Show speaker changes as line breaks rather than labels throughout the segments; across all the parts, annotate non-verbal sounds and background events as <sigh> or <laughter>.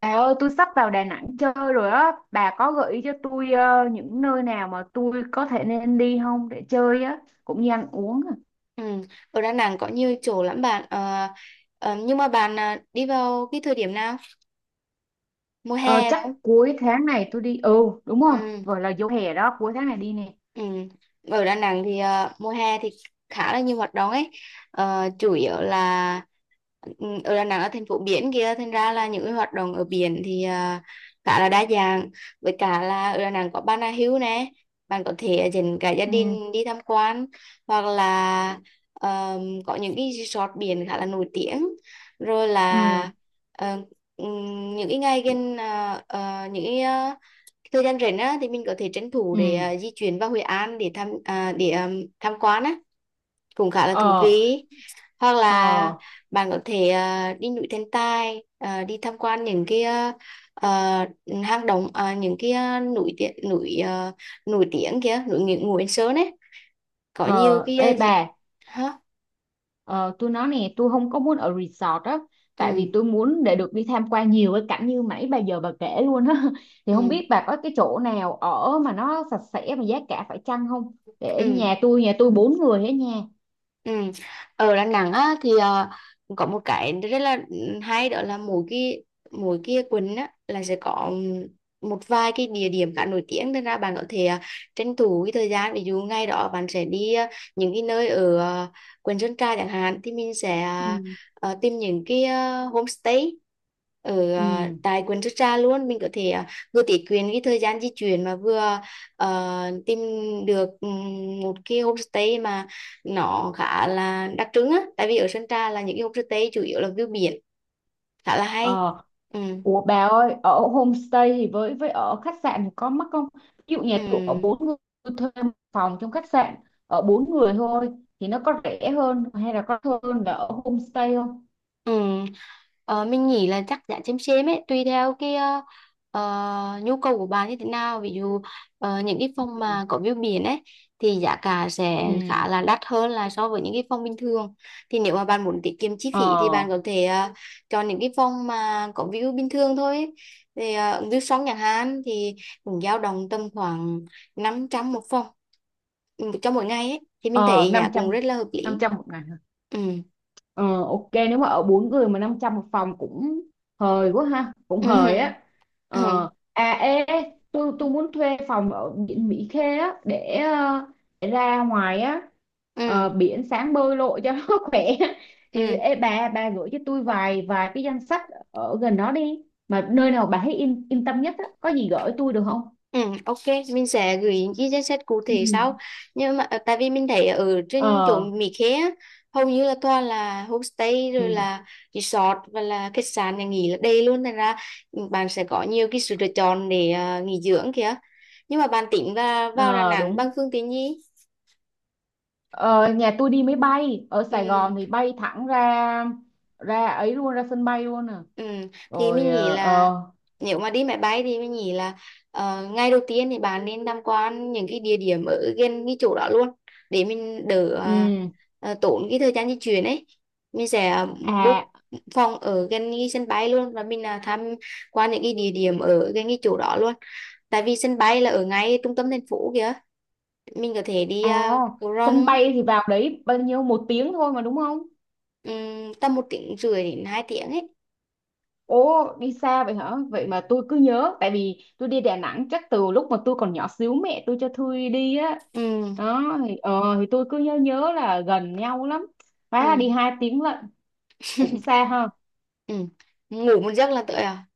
Bà ơi, tôi sắp vào Đà Nẵng chơi rồi á. Bà có gợi ý cho tôi những nơi nào mà tôi có thể nên đi không để chơi á, cũng như ăn uống à.
Ừ. Ở Đà Nẵng có nhiều chỗ lắm bạn. Ờ, nhưng mà bạn đi vào cái thời điểm nào, mùa
Ờ,
hè phải không?
chắc cuối tháng này tôi đi. Ừ, đúng rồi,
Ừ.
vừa là vô hè đó, cuối tháng này đi nè.
Ừ. Ở Đà Nẵng thì mùa hè thì khá là nhiều hoạt động ấy. Chủ yếu là, ở Đà Nẵng là thành phố biển kia, thành ra là những cái hoạt động ở biển thì khá là đa dạng, với cả là ở Đà Nẵng có Bà Nà Hills nè, bạn có thể dẫn cả gia
Ừ,
đình đi tham quan, hoặc là có những cái resort biển khá là nổi tiếng, rồi
ừ,
là ờ, những cái ngày gần, những cái thời gian rảnh á, thì mình có thể tranh thủ để
ừ.
di chuyển vào Hội An để tham à, để à, tham quan á, cũng khá là thú
Ờ,
vị. Hoặc là
ờ,
bạn có thể đi núi Thần Tài, đi tham quan những cái à, hang động, những cái núi tiếng núi nổi tiếng kia, núi Ngũ Ngũ Yên Sơn ấy, có nhiều
ờ.
cái
Ê
gì.
bà,
Hả?
Ờ, tôi nói nè, tôi không có muốn ở resort á, tại vì
Ừ.
tôi muốn để được đi tham quan nhiều cái cảnh như nãy bà giờ bà kể luôn á. <laughs> Thì không
Ừ.
biết bà có cái chỗ nào ở mà nó sạch sẽ mà giá cả phải chăng không, để
Ừ.
nhà tôi 4 người ở. Nhà.
Ừ. Ở Đà Nẵng á, thì có một cái rất là hay, đó là mỗi cái quận á, là sẽ có một vài cái địa điểm khá nổi tiếng, nên ra bạn có thể tranh thủ cái thời gian. Ví dụ ngày đó bạn sẽ đi những cái nơi ở quận Sơn Trà chẳng hạn, thì mình sẽ
Ừ.
tìm những cái homestay ở
Ừ.
tại quận Sơn Trà luôn. Mình có thể vừa tiết kiệm cái thời gian di chuyển, mà vừa tìm được một cái homestay mà nó khá là đặc trưng á, tại vì ở Sơn Trà là những cái homestay chủ yếu là view biển, khá là hay.
Ờ.
Ừ.
Ủa bà ơi, ở homestay thì với ở khách sạn thì có mắc không? Ví dụ nhà tôi ở
Ừ.
4 người, tôi thuê 1 phòng trong khách sạn, ở bốn người thôi, thì nó có rẻ hơn hay là có hơn là ở homestay không?
Ừ. Mình nghĩ là chắc giá chêm chêm ấy, tùy theo cái nhu cầu của bạn như thế nào. Ví dụ những cái phòng
Ừ.
mà có view biển ấy thì giá cả sẽ
Ừ.
khá là đắt hơn là so với những cái phòng bình thường. Thì nếu mà bạn muốn tiết kiệm chi phí thì
Ờ.
bạn có thể chọn những cái phòng mà có view bình thường thôi ấy. Thì view sông nhà Hàn thì cũng dao động tầm khoảng 500 một phòng, cho mỗi ngày ấy, thì mình
Ờ,
thấy giá
năm
cũng
trăm
rất là hợp
năm
lý.
trăm một ngày hả? Ờ, ok, nếu mà ở 4 người mà 500 một phòng cũng hời quá ha, cũng hời á.
Ừ. <laughs>
Ờ, à, ê ê, tôi muốn thuê phòng ở biển Mỹ Khê á để, để ra ngoài á. Ờ,
Ừ.
biển sáng bơi lội cho <laughs> nó khỏe. Thì
Ừ.
ê, bà gửi cho tôi vài vài cái danh sách ở gần đó đi, mà nơi nào bà thấy yên yên tâm nhất á, có gì gửi tôi được không?
Ừ, ok, mình sẽ gửi những cái danh sách cụ thể sau.
Ừ.
Nhưng mà tại vì mình thấy ở trên chỗ
Ờ.
Mỹ Khê á, hầu như là toàn là homestay, rồi
Ừ.
là resort, và là khách sạn nhà nghỉ là đầy luôn. Thành ra bạn sẽ có nhiều cái sự lựa chọn để nghỉ dưỡng kìa. Nhưng mà bạn tính là vào Đà
Ờ,
Nẵng
đúng.
bằng phương tiện gì?
Ờ, nhà tôi đi máy bay, ở Sài
Ừ.
Gòn thì bay thẳng ra, ra ấy luôn, ra sân bay luôn à.
Ừ, thì mình
Rồi
nghĩ là nếu mà đi máy bay thì mình nghĩ là ngày đầu tiên thì bạn nên tham quan những cái địa điểm ở gần cái chỗ đó luôn, để mình đỡ
ừ.
tốn cái thời gian di chuyển ấy. Mình sẽ book
À,
phòng ở gần cái sân bay luôn, và mình là tham quan những cái địa điểm ở gần cái chỗ đó luôn, tại vì sân bay là ở ngay trung tâm thành phố kìa. Mình có thể đi,
à,
cầu
sân
Rồng.
bay thì vào đấy bao nhiêu 1 tiếng thôi mà, đúng không?
Tầm 1 tiếng rưỡi đến 2 tiếng ấy.
Ồ, đi xa vậy hả? Vậy mà tôi cứ nhớ, tại vì tôi đi Đà Nẵng chắc từ lúc mà tôi còn nhỏ xíu, mẹ tôi cho tôi đi á.
Ừ.
Đó thì thì tôi cứ nhớ nhớ là gần nhau lắm, hóa
Ừ.
là đi 2 tiếng lận, cũng
<laughs>
xa ha.
Ừ. Ngủ một giấc là tới à.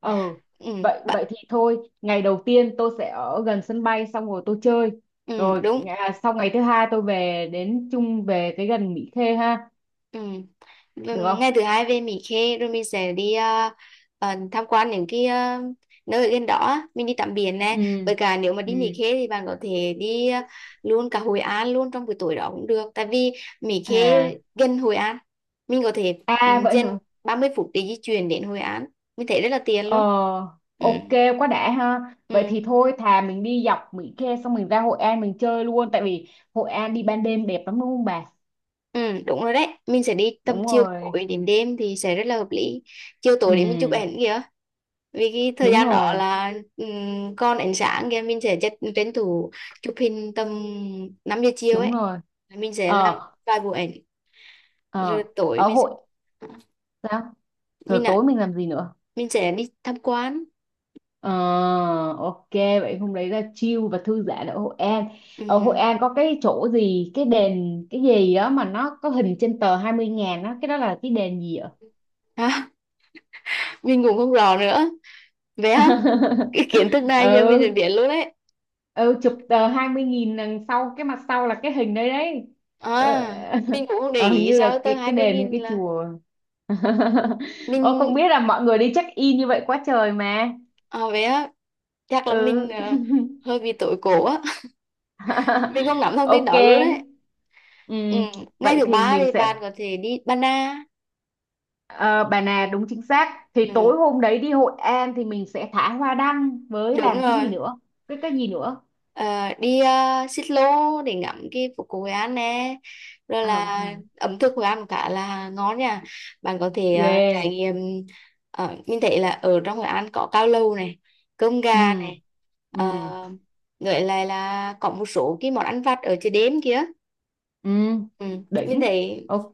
Ờ,
Ừ.
vậy
Bạn.
vậy thì thôi, ngày đầu tiên tôi sẽ ở gần sân bay xong rồi tôi chơi.
Ừ.
Rồi
Đúng.
à, sau ngày thứ hai tôi về đến chung, về cái gần Mỹ Khê ha,
Ừ. Ừ,
được không?
ngày thứ hai về Mỹ Khê rồi mình sẽ đi tham quan những cái nơi ở gần đó á. Mình đi tắm biển nè,
Ừ.
với cả nếu mà đi Mỹ
Ừ.
Khê thì bạn có thể đi luôn cả Hội An luôn trong buổi tối đó cũng được, tại vì Mỹ Khê
À,
gần Hội An. Mình có thể
à vậy
trên
hả?
30 phút để di chuyển đến Hội An, mình thấy rất là tiện
Ờ,
luôn. Ừ.
ok, quá đã ha. Vậy
Ừ.
thì thôi, thà mình đi dọc Mỹ Khê xong mình ra Hội An mình chơi luôn, tại vì Hội An đi ban đêm đẹp lắm đúng không bà?
Ừ, đúng rồi đấy. Mình sẽ đi tầm
Đúng
chiều
rồi.
tối đến đêm thì sẽ rất là hợp lý. Chiều
Ừ,
tối để mình chụp ảnh kìa. Vì cái thời
đúng
gian đó
rồi,
là, còn ánh sáng kìa, mình sẽ chất tranh thủ chụp hình tầm 5 giờ chiều
đúng
ấy.
rồi.
Mình sẽ làm
Ờ,
vài bộ ảnh rồi
ờ,
tối
ở Hội, sao? Rồi
mình
tối
ạ
mình làm gì nữa?
mình sẽ đi tham quan.
Ờ, ok, vậy hôm đấy là chill và thư giãn ở Hội An. Ở Hội
Ừm.
An có cái chỗ gì, cái đền cái gì đó mà nó có hình trên tờ 20.000 đó, cái đó là cái đền gì ạ?
À, <laughs> mình cũng không rõ nữa. Vậy hả? Cái kiến thức
<laughs>
này giờ mình sẽ
Ừ,
biết luôn đấy.
ừ, chụp tờ 20.000, đằng sau cái mặt sau là cái hình đấy đấy.
À,
Ờ,
mình
<laughs>
cũng không để
ờ, hình
ý
như
sao
là
tới
cái
hai
cái
mươi
đền hay
nghìn
cái
là
chùa. <laughs> Ô, không
mình.
biết là mọi người đi check in như vậy quá trời mà.
Vậy á, chắc là mình
Ừ. <laughs>
hơi bị tối cổ á. <laughs> Mình không
<laughs>
nắm thông tin
Ok.
đó luôn đấy. Ừ.
Ừm,
Ngày
vậy
thứ
thì
ba
mình
thì bạn
sẽ
có thể đi Ba Na.
ờ, bà nè, đúng chính xác. Thì
Ừ.
tối hôm đấy đi Hội An thì mình sẽ thả hoa đăng với
Đúng
làm cái gì
rồi.
nữa? Cái gì nữa?
Ờ, đi, xích lô để ngắm cái phố cổ Hội An nè, rồi
Ờ,
là ẩm thực Hội An cũng khá là ngon nha, bạn có thể trải
ghê.
nghiệm. Mình thấy là ở trong Hội An có cao lầu này, cơm gà
Ừm,
này,
ừm,
uh, lại là có một số cái món ăn vặt ở chợ đêm kia.
ừm,
Ừ. Mình
đỉnh.
thấy.
Ok,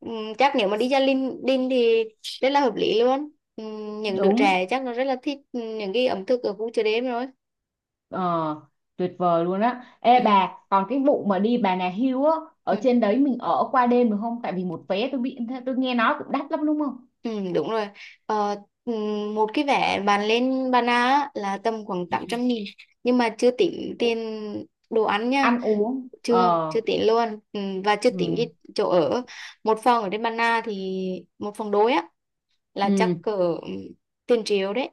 Chắc nếu mà đi ra Linh Đinh thì rất là hợp lý luôn. Những đứa
đúng.
trẻ chắc nó rất là thích những cái ẩm thực ở khu chợ đêm rồi.
Ờ, tuyệt vời luôn á. Ê
Ừm,
bà, còn cái vụ mà đi Bà Nà Hills á, ở
ừm,
trên đấy mình ở qua đêm được không? Tại vì một vé tôi bị, tôi nghe nói cũng đắt lắm đúng không?
Đúng rồi. Ờ, Một cái vé bạn lên Bà Na á là tầm khoảng
Ừ.
800.000, nhưng mà chưa tính tiền đồ ăn nha.
Ăn uống.
chưa
Ờ.
chưa tính luôn. Và chưa tính
Ừ.
cái chỗ ở. Một phòng ở trên Bà Na thì một phòng đôi á là
Ừ.
chắc cỡ, ừm, tiền triệu đấy.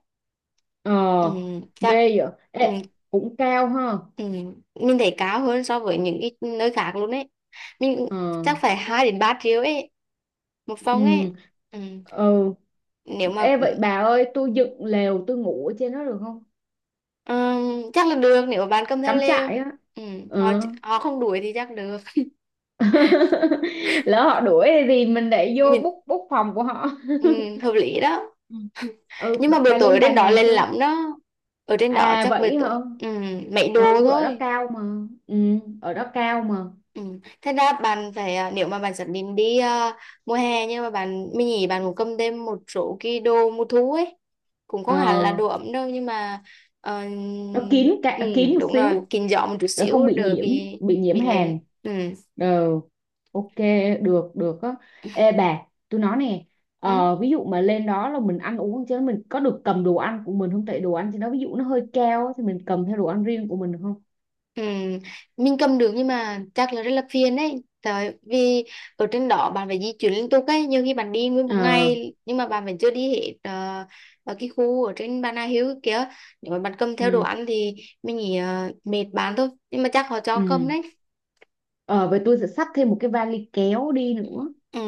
Ờ,
Chắc.
ghê vậy.
Ừ.
Ê, cũng cao ha.
Ừ. Mình thấy cao hơn so với những cái nơi khác luôn ấy. Mình
Ờ.
chắc phải 2 đến 3 triệu ấy, một phòng ấy.
Ừ.
Ừ.
Ừ.
Nếu mà,
Ê, vậy bà ơi, tôi dựng lều tôi ngủ ở trên đó được không?
ừ, chắc là được nếu mà bạn cầm theo
Cắm
lều.
trại á.
Ừ. Họ
Ừ.
họ không đuổi thì chắc được.
<laughs> Lỡ họ đuổi thì mình để vô
Mình,
bút bút phòng của họ.
ừ,
<laughs>
hợp lý đó.
Ừ.
<laughs>
Ừ,
Nhưng mà buổi
bà
tối ở
lên Bà
trên đó
Nà
lên
chưa?
lắm đó. Ở trên đó
À
chắc buổi
vậy hả.
tối, mấy đồ
Ừ, ở đó
thôi.
cao mà. Ừ, ở đó cao mà.
Ừ. Thế ra bạn phải nếu mà bạn xác định đi mùa hè, nhưng mà bạn mình nghĩ bạn cũng cầm thêm một số cái đồ mùa thu ấy, cũng
Ờ,
không hẳn là đồ ấm đâu, nhưng mà ờ,
nó kín,
ừ,
cả kín một
đúng rồi,
xíu,
kín gió một chút
để không
xíu
bị
đỡ
nhiễm,
bị
bị nhiễm
bị lạnh.
hàn.
Ừ.
Ờ, ok, được, được á. Ê bà, tôi nói nè,
Ừ.
ví dụ mà lên đó là mình ăn uống, chứ mình có được cầm đồ ăn của mình không, tại đồ ăn trên đó ví dụ nó hơi cao á, thì mình cầm theo đồ ăn riêng của mình được không?
Ừ, mình cầm được nhưng mà chắc là rất là phiền đấy. Tại vì ở trên đó bạn phải di chuyển liên tục ấy, nhiều khi bạn đi nguyên một
Ờ.
ngày nhưng mà bạn vẫn chưa đi hết ở cái khu ở trên Bà Nà Hills kia. Nếu mà bạn cầm theo đồ
Ừ.
ăn thì mình nghĩ mệt bạn thôi. Nhưng mà chắc họ cho cầm
Ừ.
đấy.
Ờ vậy tôi sẽ xách thêm một cái vali kéo đi nữa.
Ừ,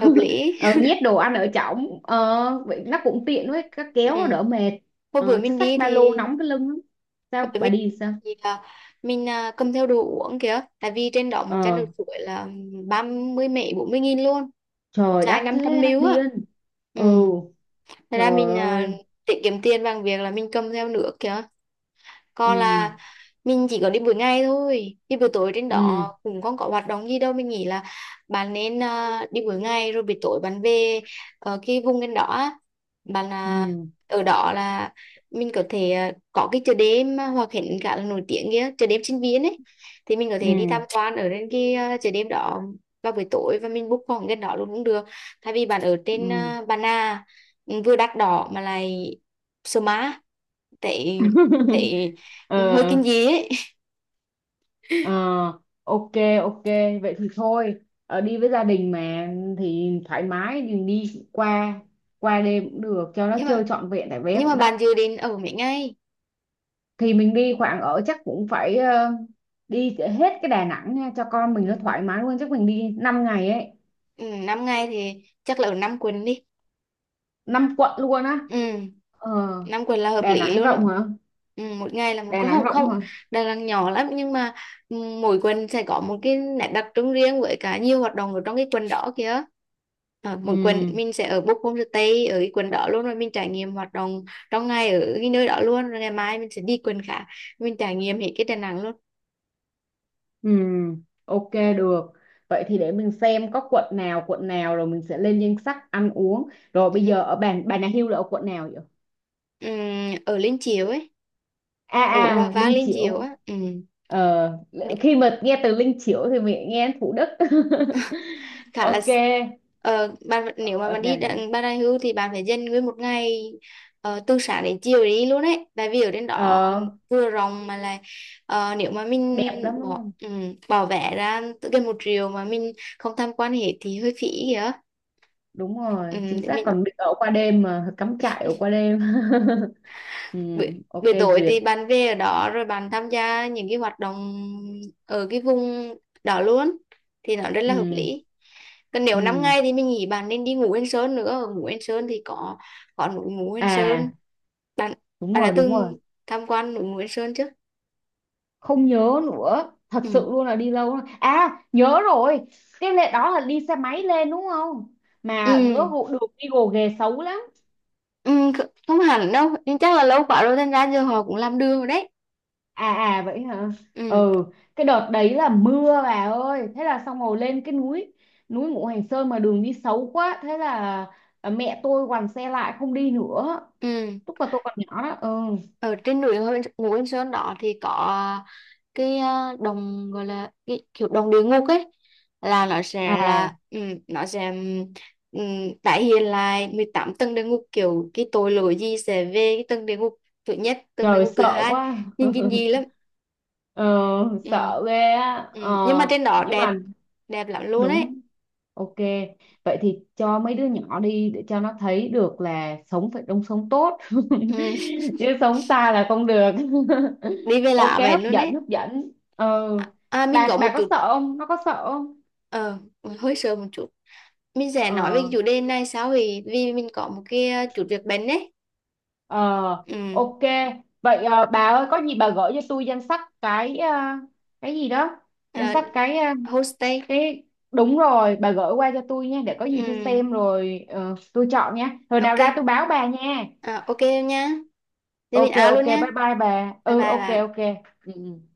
hợp lý.
Ờ, nhét đồ ăn ở trong, vậy nó cũng tiện, với các
<laughs>
kéo nó đỡ
Ừ.
mệt.
Hồi bữa
Ờ, chứ
mình
xách
đi
ba lô
thì.
nóng cái lưng lắm.
Hồi
Sao
bữa
bà
mình
đi sao?
thì mình cầm theo đồ uống kìa. Tại vì trên đó một chai nước
Ờ,
suối là 30 mấy 40 nghìn luôn,
trời
trái
đắt thế,
500
đắt
ml á.
điên.
Ừ.
Ừ,
Thật
trời
ra mình
ơi.
tiết kiệm tiền bằng việc là mình cầm theo nước kìa, còn
Ừ.
là mình chỉ có đi buổi ngày thôi, đi buổi tối trên
Ừ.
đó cũng không có hoạt động gì đâu, mình nghĩ là bạn nên đi buổi ngày, rồi buổi tối bạn về ở cái vùng trên đó á. Bạn
Ừ.
ở đó là mình có thể có cái chợ đêm Hòa Khánh khá là nổi tiếng kia, chợ đêm sinh viên ấy, thì mình có
Ừ.
thể đi tham quan ở trên cái chợ đêm đó vào buổi tối, và mình book phòng gần đó luôn cũng được, thay vì bạn ở trên
Ừ.
Bà Nà, vừa đắt đỏ mà lại Sơ má, tại
<laughs>
tại
Ờ.
hơi kinh dị ấy.
Ờ, ok, ok, vậy thì thôi, đi với gia đình mà, thì thoải mái mình đi qua, qua đêm cũng được cho nó
nhưng
chơi
mà
trọn vẹn, tại vé
nhưng mà
cũng đắt.
bạn dự định ở mấy ngày?
Thì mình đi khoảng ở chắc cũng phải đi hết cái Đà Nẵng nha, cho con mình
Ừ.
nó thoải mái luôn, chắc mình đi 5 ngày ấy.
Ừ, 5 ngày thì chắc là ở năm quần đi.
5 quận luôn á?
Ừ.
Ờ.
Năm quần là hợp
Đà
lý
Nẵng
luôn đó.
rộng hả?
Ừ. Một ngày là một
Đà
cái,
Nẵng
không
rộng
không.
hả?
Đà Nẵng nhỏ lắm nhưng mà, mỗi quần sẽ có một cái nét đặc trưng riêng, với cả nhiều hoạt động ở trong cái quần đó kìa. Ờ, mỗi quần
Ừ,
mình sẽ ở book homestay ở cái quần đó luôn, rồi mình trải nghiệm hoạt động trong ngày ở cái nơi đó luôn, rồi ngày mai mình sẽ đi quần khác, mình trải nghiệm hết cái Đà Nẵng luôn.
ừ, ok, được. Vậy thì để mình xem có quận nào rồi mình sẽ lên danh sách ăn uống. Rồi
Ừ.
bây giờ ở bàn Bà Nà Hills là ở quận nào vậy?
Ừm, Ở Liên Chiểu ấy,
À
ở Hòa
à,
Vang,
Linh
Liên Chiểu
Chiểu.
á.
Ờ,
Đi-
khi mà nghe từ Linh Chiểu thì mình nghe Thủ Đức. <laughs>
Khá là,
Ok.
bạn, nếu mà
Ở Đà
bạn đi
Nẵng.
đặng Bà Nà Hưu thì bạn phải dành nguyên một ngày từ sáng đến chiều để đi luôn ấy, tại vì ở trên đó
Ờ,
vừa rộng mà lại nếu mà mình
đẹp lắm đúng
bỏ
không?
bỏ vé ra tự gần 1 triệu mà mình không tham quan hết thì hơi phí kìa.
Đúng rồi, chính
Để
xác,
mình
còn được ở qua đêm mà, cắm trại ở qua đêm. <laughs> Ừ, ok,
buổi tối thì
duyệt.
bạn về ở đó rồi bạn tham gia những cái hoạt động ở cái vùng đó luôn thì nó rất là hợp
Ừ,
lý. Còn nếu năm
ừ.
ngày thì mình nghĩ bạn nên đi ngủ Yên Sơn nữa. Ngủ Yên Sơn thì có núi ngủ Yên Sơn.
À,
bạn
đúng
bạn đã
rồi, đúng rồi.
từng tham quan núi ngủ Yên Sơn chưa?
Không nhớ nữa, thật sự
Ừ.
luôn là đi lâu rồi à, nhớ rồi. Cái lệ đó là đi xe máy lên đúng không,
Ừ.
mà rửa vụ đường đi gồ ghề xấu lắm.
Ừ. Không hẳn đâu, nhưng chắc là lâu quá rồi thành ra giờ họ cũng làm đường rồi đấy.
À à vậy hả.
Ừ.
Ừ, cái đợt đấy là mưa bà ơi, thế là xong rồi, lên cái núi, núi Ngũ Hành Sơn mà đường đi xấu quá, thế là à, mẹ tôi quằn xe lại không đi nữa,
Ừ.
lúc mà tôi còn nhỏ đó. Ừ.
Ở trên núi ngủ Yên Sơn đó thì có cái đồng, gọi là cái kiểu đồng địa ngục ấy, là nó sẽ
À,
là, nó sẽ um, tái hiện lại 18 tầng địa ngục, kiểu cái tội lỗi gì sẽ về cái tầng địa ngục thứ nhất, tầng địa
trời
ngục thứ
sợ
hai,
quá.
nhìn kinh dị lắm.
<laughs> Ờ,
Ừ.
sợ ghê á.
Ừ.
Ờ,
Nhưng mà trên đó
nhưng
đẹp,
mà
đẹp lắm luôn ấy.
đúng. Ok, vậy thì cho mấy đứa nhỏ đi để cho nó thấy được là sống phải đông sống tốt, <laughs>
Ừ.
chứ sống xa là không được. <laughs>
Đi về
Ok,
lạ vậy
hấp
luôn
dẫn,
đấy.
hấp dẫn. Ờ,
À, mình
bà
có
bà
một
có
chút
sợ không, nó có sợ không?
ờ hơi sợ một chút. Mình sẽ nói về cái
Ờ.
chủ đề này sau, vì vì mình có một cái chút việc bận đấy.
Ờ,
Ừ.
ok, vậy bà ơi, có gì bà gửi cho tôi danh sách cái, cái gì đó, danh
À,
sách cái ờ,
homestay.
cái đúng rồi, bà gửi qua cho tôi nha, để có gì tôi
Ừ,
xem rồi tôi chọn nha, rồi nào
ok.
ra tôi báo bà nha.
À, ok em nhá. Thế mình
Ok,
out
ok,
luôn nhá.
bye bye bà.
Bye
Ừ,
bye
ok,
bà.
ok. Ừ. Ừ.